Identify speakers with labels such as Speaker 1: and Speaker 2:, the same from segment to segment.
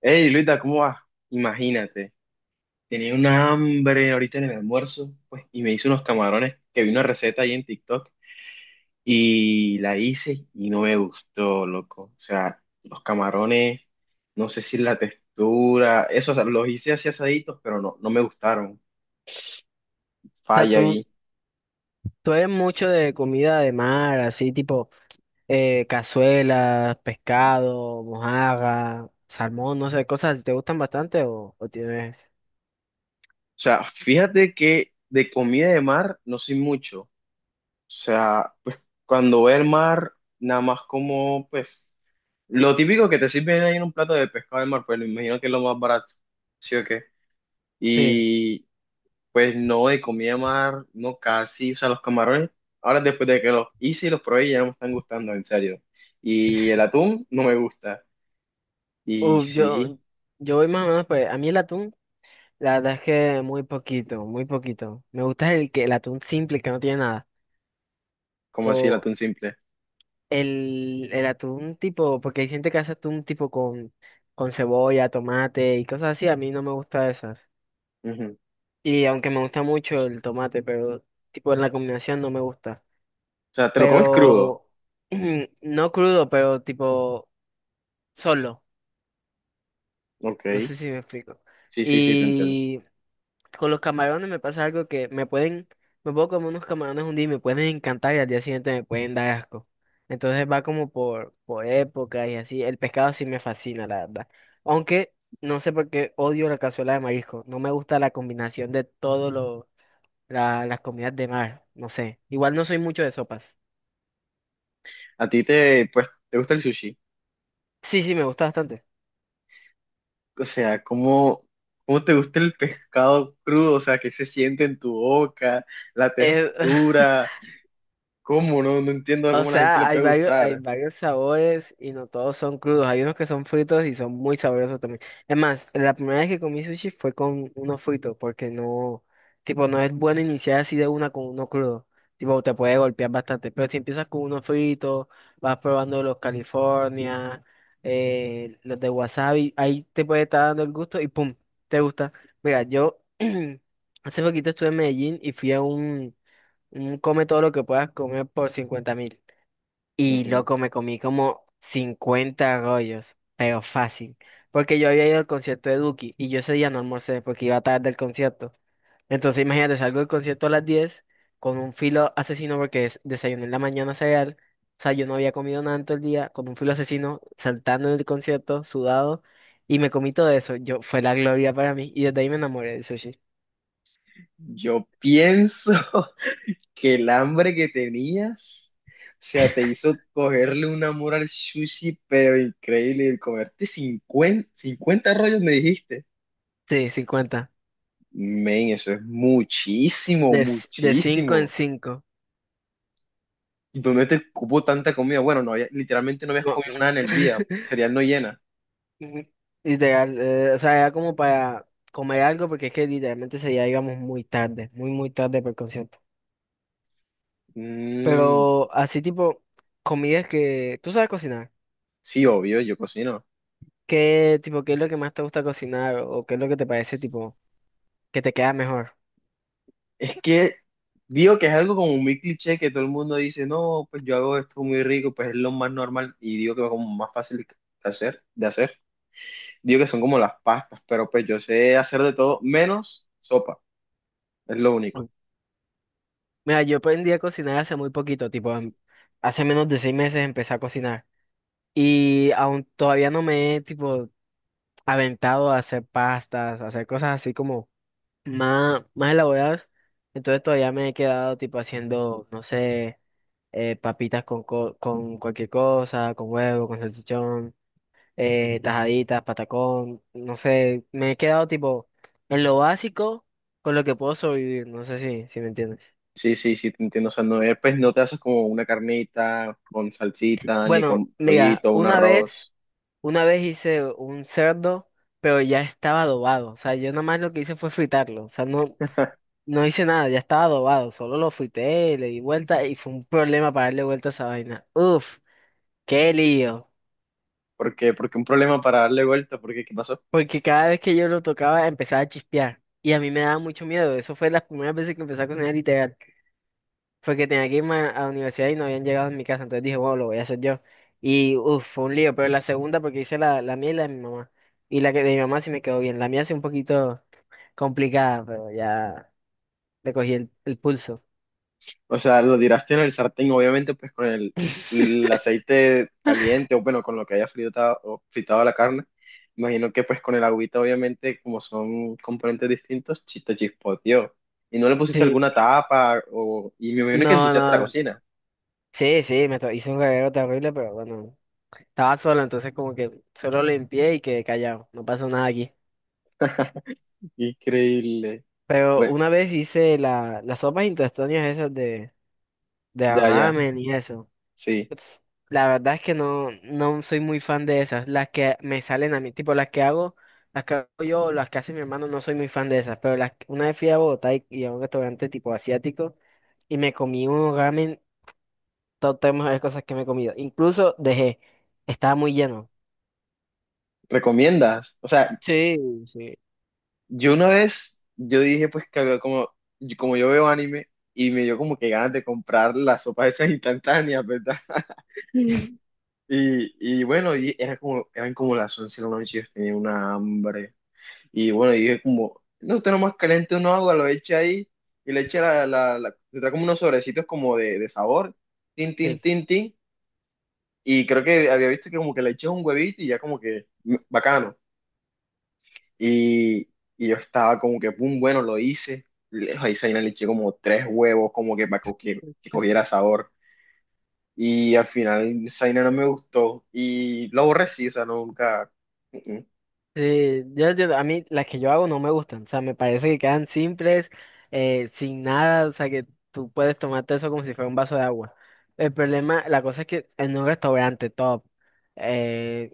Speaker 1: Hey, Luita, ¿cómo vas? Imagínate, tenía una hambre ahorita en el almuerzo, pues, y me hice unos camarones que vi una receta ahí en TikTok y la hice y no me gustó, loco. O sea, los camarones, no sé si la textura, eso, o sea, los hice así asaditos, pero no, no me gustaron.
Speaker 2: Sea,
Speaker 1: Falla
Speaker 2: tú,
Speaker 1: ahí.
Speaker 2: tú eres mucho de comida de mar, así tipo cazuelas, pescado, mojarra, salmón, no sé, cosas así. ¿Te gustan bastante o tienes?
Speaker 1: O sea, fíjate que de comida de mar no soy mucho. O sea, pues cuando voy al mar, nada más como, pues. Lo típico que te sirven ahí en un plato de pescado de mar, pues me imagino que es lo más barato, ¿sí o qué?
Speaker 2: Sí.
Speaker 1: Y pues no, de comida de mar, no casi, o sea, los camarones, ahora después de que los hice y los probé, ya no me están gustando, en serio. Y el atún no me gusta. Y
Speaker 2: Uh,
Speaker 1: sí,
Speaker 2: yo, yo voy más o menos por ahí. A mí el atún, la verdad es que muy poquito, muy poquito. Me gusta el atún simple, que no tiene nada.
Speaker 1: como así el
Speaker 2: O
Speaker 1: atún simple.
Speaker 2: el atún tipo, porque hay gente que hace atún tipo con cebolla, tomate y cosas así. A mí no me gusta eso.
Speaker 1: Ujú.
Speaker 2: Y aunque me gusta mucho el tomate, pero tipo en la combinación no me gusta.
Speaker 1: O sea, te lo comes crudo,
Speaker 2: Pero no crudo, pero tipo solo. No
Speaker 1: ok.
Speaker 2: sé si me explico.
Speaker 1: Sí, sí, sí, te entiendo.
Speaker 2: Y con los camarones me pasa algo que me puedo comer unos camarones un día y me pueden encantar y al día siguiente me pueden dar asco. Entonces va como por época y así. El pescado sí me fascina, la verdad. Aunque no sé por qué odio la cazuela de marisco. No me gusta la combinación de todos los las comidas de mar, no sé. Igual no soy mucho de sopas.
Speaker 1: ¿A ti te, pues, te gusta el sushi?
Speaker 2: Sí, sí, me gusta bastante.
Speaker 1: O sea, cómo te gusta el pescado crudo? O sea, ¿qué se siente en tu boca, la
Speaker 2: Eh,
Speaker 1: textura, cómo? No, no entiendo
Speaker 2: O
Speaker 1: cómo a la gente le
Speaker 2: sea,
Speaker 1: puede
Speaker 2: hay
Speaker 1: gustar.
Speaker 2: varios sabores y no todos son crudos. Hay unos que son fritos y son muy sabrosos también. Es más, la primera vez que comí sushi fue con uno frito, porque no, tipo, no es bueno iniciar así de una con uno crudo. Tipo, te puede golpear bastante. Pero si empiezas con uno frito, vas probando los California, los de wasabi, ahí te puede estar dando el gusto y pum, te gusta. Mira, yo hace poquito estuve en Medellín y fui a un come todo lo que puedas comer por 50.000. Y
Speaker 1: Ujú.
Speaker 2: loco, me comí como 50 rollos, pero fácil. Porque yo había ido al concierto de Duki y yo ese día no almorcé porque iba tarde del concierto. Entonces imagínate, salgo del concierto a las 10 con un filo asesino porque desayuné en la mañana cereal. O sea, yo no había comido nada en todo el día, con un filo asesino, saltando en el concierto, sudado, y me comí todo eso. Yo, fue la gloria para mí. Y desde ahí me enamoré del sushi.
Speaker 1: Yo pienso que el hambre que tenías, o sea, te hizo cogerle un amor al sushi, pero increíble, y comerte cincuenta rollos, me dijiste.
Speaker 2: Sí, cincuenta.
Speaker 1: Men, eso es muchísimo,
Speaker 2: De, de cinco en
Speaker 1: muchísimo.
Speaker 2: cinco.
Speaker 1: ¿Dónde te cupo tanta comida? Bueno, literalmente no habías
Speaker 2: No.
Speaker 1: comido nada en el día. Cereal no llena.
Speaker 2: Ujú. Literal, o sea, era como para comer algo porque es que literalmente ese día íbamos muy tarde, muy tarde para el concierto.
Speaker 1: Mm,
Speaker 2: Pero así tipo, comidas que tú sabes cocinar.
Speaker 1: sí, obvio, yo cocino.
Speaker 2: Qué es lo que más te gusta cocinar o qué es lo que te parece tipo que te queda mejor?
Speaker 1: Es que digo que es algo como muy cliché que todo el mundo dice, no, pues yo hago esto muy rico, pues es lo más normal y digo que es como más fácil de hacer. Digo que son como las pastas, pero pues yo sé hacer de todo menos sopa, es lo único.
Speaker 2: Uy, mira, yo aprendí a cocinar hace muy poquito, tipo, hace menos de 6 meses empecé a cocinar y aún todavía no me he tipo aventado a hacer pastas, a hacer cosas así como más elaboradas. Entonces todavía me he quedado tipo haciendo, no sé, papitas con cualquier cosa, con huevo, con salchichón, tajaditas, patacón, no sé, me he quedado tipo en lo básico con lo que puedo sobrevivir, no sé si me entiendes.
Speaker 1: Sí, sí, sí, te entiendo. O sea, no, pues no te haces como una carnita con salsita, ni
Speaker 2: Bueno,
Speaker 1: con
Speaker 2: mira,
Speaker 1: pollito, un arroz.
Speaker 2: una vez hice un cerdo, pero ya estaba adobado, o sea, yo nada más lo que hice fue fritarlo, no hice nada, ya estaba adobado, solo lo fuité, le di vuelta y fue un problema para darle vuelta a esa vaina. Uf, qué lío.
Speaker 1: Porque un problema para darle vuelta, porque ¿qué pasó?
Speaker 2: Porque cada vez que yo lo tocaba empezaba a chispear y a mí me daba mucho miedo. Eso fue las primeras veces que empecé a cocinar literal. Fue que tenía que irme a la universidad y no habían llegado en mi casa, entonces dije, bueno, lo voy a hacer yo. Y uf, fue un lío, pero la segunda porque hice la mía y la de mi mamá. Y la que de mi mamá sí me quedó bien. La mía sí un poquito complicada, pero ya le cogí el pulso.
Speaker 1: O sea, lo tiraste en el sartén, obviamente, pues con el aceite caliente, o bueno, con lo que haya fritado, o fritado la carne. Imagino que pues con el agüita, obviamente, como son componentes distintos, te chispoteó. Y no le pusiste
Speaker 2: Sí,
Speaker 1: alguna tapa, y me imagino que
Speaker 2: no,
Speaker 1: ensuciaste la
Speaker 2: no,
Speaker 1: cocina.
Speaker 2: sí, sí, hice un cagadero terrible, pero bueno, estaba solo, entonces como que solo limpié y quedé callado, no pasó nada aquí.
Speaker 1: Increíble.
Speaker 2: Pero
Speaker 1: Bueno,
Speaker 2: una vez hice las sopas intestinales esas de
Speaker 1: ya, ya,
Speaker 2: ramen y eso.
Speaker 1: sí.
Speaker 2: Pf, la verdad es que no, no soy muy fan de esas, las que me salen a mí, tipo las que hago yo, o las que hace mi hermano, no soy muy fan de esas, pero una vez fui a Bogotá y a un restaurante tipo asiático y me comí un ramen, todo tenemos de cosas que me he comido, incluso dejé, estaba muy lleno.
Speaker 1: ¿Recomiendas? O sea,
Speaker 2: Sí, sí.
Speaker 1: yo una vez, yo dije pues que había como yo veo anime y me dio como que ganas de comprar las sopas esas instantáneas, ¿verdad? Y, y bueno, y era como, eran como las 11 de la noche, yo tenía una hambre. Y bueno, y dije como, no, usted nomás caliente una agua, lo echa ahí y le echa la, la, le trae como unos sobrecitos como de sabor, tin, tin,
Speaker 2: te-
Speaker 1: tin, tin. Y creo que había visto que como que le eché un huevito y ya como que, bacano. Y, y yo estaba como que, pum, bueno, lo hice. Ahí Zaina le eché como tres huevos, como que para que cogiera sabor. Y al final Zaina no me gustó y lo aborrecí, o sea, nunca. Mm, mm.
Speaker 2: sí, a mí las que yo hago no me gustan, o sea, me parece que quedan simples, sin nada, o sea, que tú puedes tomarte eso como si fuera un vaso de agua. La cosa es que en un restaurante top, eh,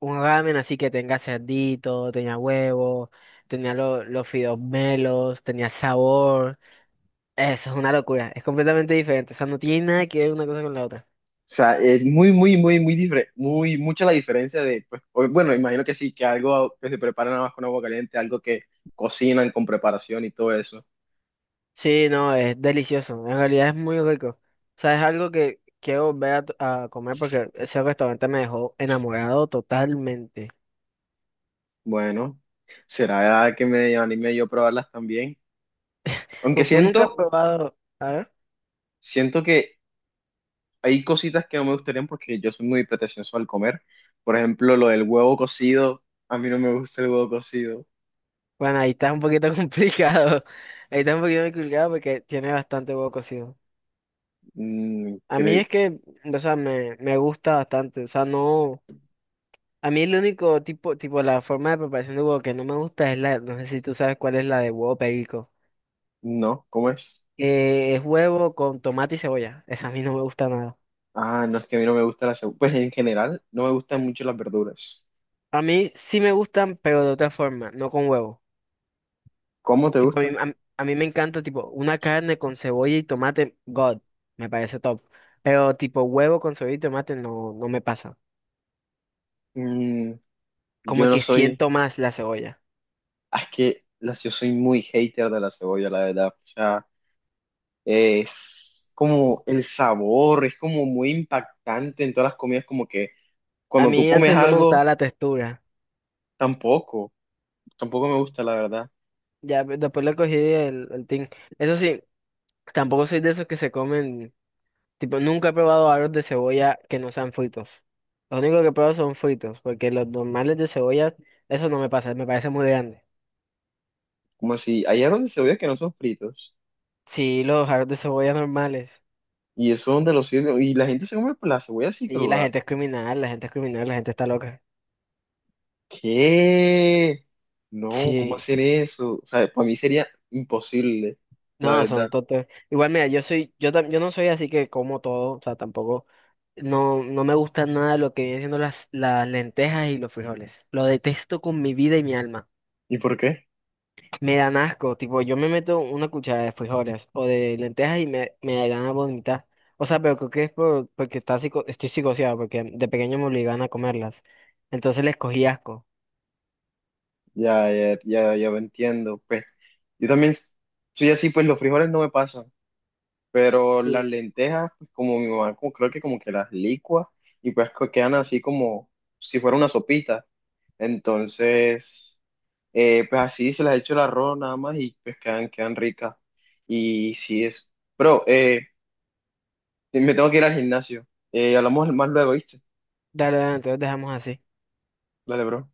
Speaker 2: un ramen así que tenga cerdito, tenía huevo, tenía los fideos melos, tenía sabor, eso es una locura, es completamente diferente, o sea, no tiene nada que ver una cosa con la otra.
Speaker 1: O sea, es muy, muy, muy, muy diferente, muy, mucha la diferencia de, pues, bueno, imagino que sí, que algo que se prepara nada más con agua caliente, algo que cocinan con preparación y todo eso.
Speaker 2: Sí, no, es delicioso. En realidad es muy rico. O sea, es algo que quiero volver a comer porque ese restaurante me dejó enamorado totalmente.
Speaker 1: Bueno, será que me anime yo a probarlas también. Aunque
Speaker 2: Tú nunca has
Speaker 1: siento,
Speaker 2: probado? A ver.
Speaker 1: siento que hay cositas que no me gustarían porque yo soy muy pretencioso al comer. Por ejemplo, lo del huevo cocido. A mí no me gusta el huevo cocido.
Speaker 2: Bueno, ahí está un poquito complicado. Ahí está un poquito complicado porque tiene bastante huevo cocido.
Speaker 1: Mm,
Speaker 2: A mí
Speaker 1: cre-
Speaker 2: es que, o sea, me gusta bastante. O sea, no. A mí el único tipo, tipo, la forma de preparación de huevo que no me gusta es la, no sé si tú sabes cuál es la de huevo perico.
Speaker 1: No, ¿cómo es?
Speaker 2: Es huevo con tomate y cebolla. Esa a mí no me gusta nada.
Speaker 1: Ah, no es que a mí no me gusta la cebolla. Pues en general, no me gustan mucho las verduras.
Speaker 2: A mí sí me gustan, pero de otra forma, no con huevo.
Speaker 1: ¿Cómo te
Speaker 2: Tipo,
Speaker 1: gustan?
Speaker 2: a mí me encanta, tipo, una carne con cebolla y tomate, God, me parece top. Pero tipo, huevo con cebolla y tomate no, no me pasa.
Speaker 1: Mm,
Speaker 2: Como
Speaker 1: yo no
Speaker 2: que
Speaker 1: soy.
Speaker 2: siento más la cebolla.
Speaker 1: Es que yo soy muy hater de la cebolla, la verdad. O sea, es como el sabor, es como muy impactante en todas las comidas, como que
Speaker 2: A
Speaker 1: cuando tú
Speaker 2: mí
Speaker 1: comes
Speaker 2: antes no me gustaba
Speaker 1: algo,
Speaker 2: la textura.
Speaker 1: tampoco. Tampoco me gusta, la verdad.
Speaker 2: Después le cogí el tin. Eso sí, tampoco soy de esos que se comen, tipo, nunca he probado aros de cebolla que no sean fritos. Lo único que he probado son fritos, porque los normales de cebolla, eso no me pasa, me parece muy grande.
Speaker 1: Como si allá donde cebolla que no son fritos.
Speaker 2: Sí, los jarros de cebolla normales.
Speaker 1: Y eso donde lo sirven. Y la gente se come pues, la cebolla así
Speaker 2: Y la
Speaker 1: cruda.
Speaker 2: gente es criminal, la gente es criminal, la gente está loca.
Speaker 1: ¿Qué? No, ¿cómo
Speaker 2: Sí.
Speaker 1: hacer eso? O sea, para mí sería imposible, la
Speaker 2: No,
Speaker 1: verdad.
Speaker 2: son totos. Igual, mira, yo no soy así que como todo, o sea, tampoco, no, no me gusta nada lo que vienen siendo las lentejas y los frijoles. Lo detesto con mi vida y mi alma.
Speaker 1: ¿Y por qué?
Speaker 2: Me dan asco, tipo, yo me meto una cuchara de frijoles o de lentejas y me da ganas de vomitar. O sea, pero creo que es porque estoy psicoseado, porque de pequeño me obligaban a comerlas. Entonces les cogí asco.
Speaker 1: Ya, ya, ya, ya me entiendo. Pues, yo también soy así, pues los frijoles no me pasan. Pero las lentejas, pues como mi mamá como, creo que como que las licua y pues quedan así como si fuera una sopita. Entonces, pues así se las echo el arroz nada más y pues quedan ricas. Y sí es. Bro, me tengo que ir al gimnasio. Hablamos más luego, ¿viste?
Speaker 2: Dale, dale, entonces dejamos así.
Speaker 1: Dale, bro.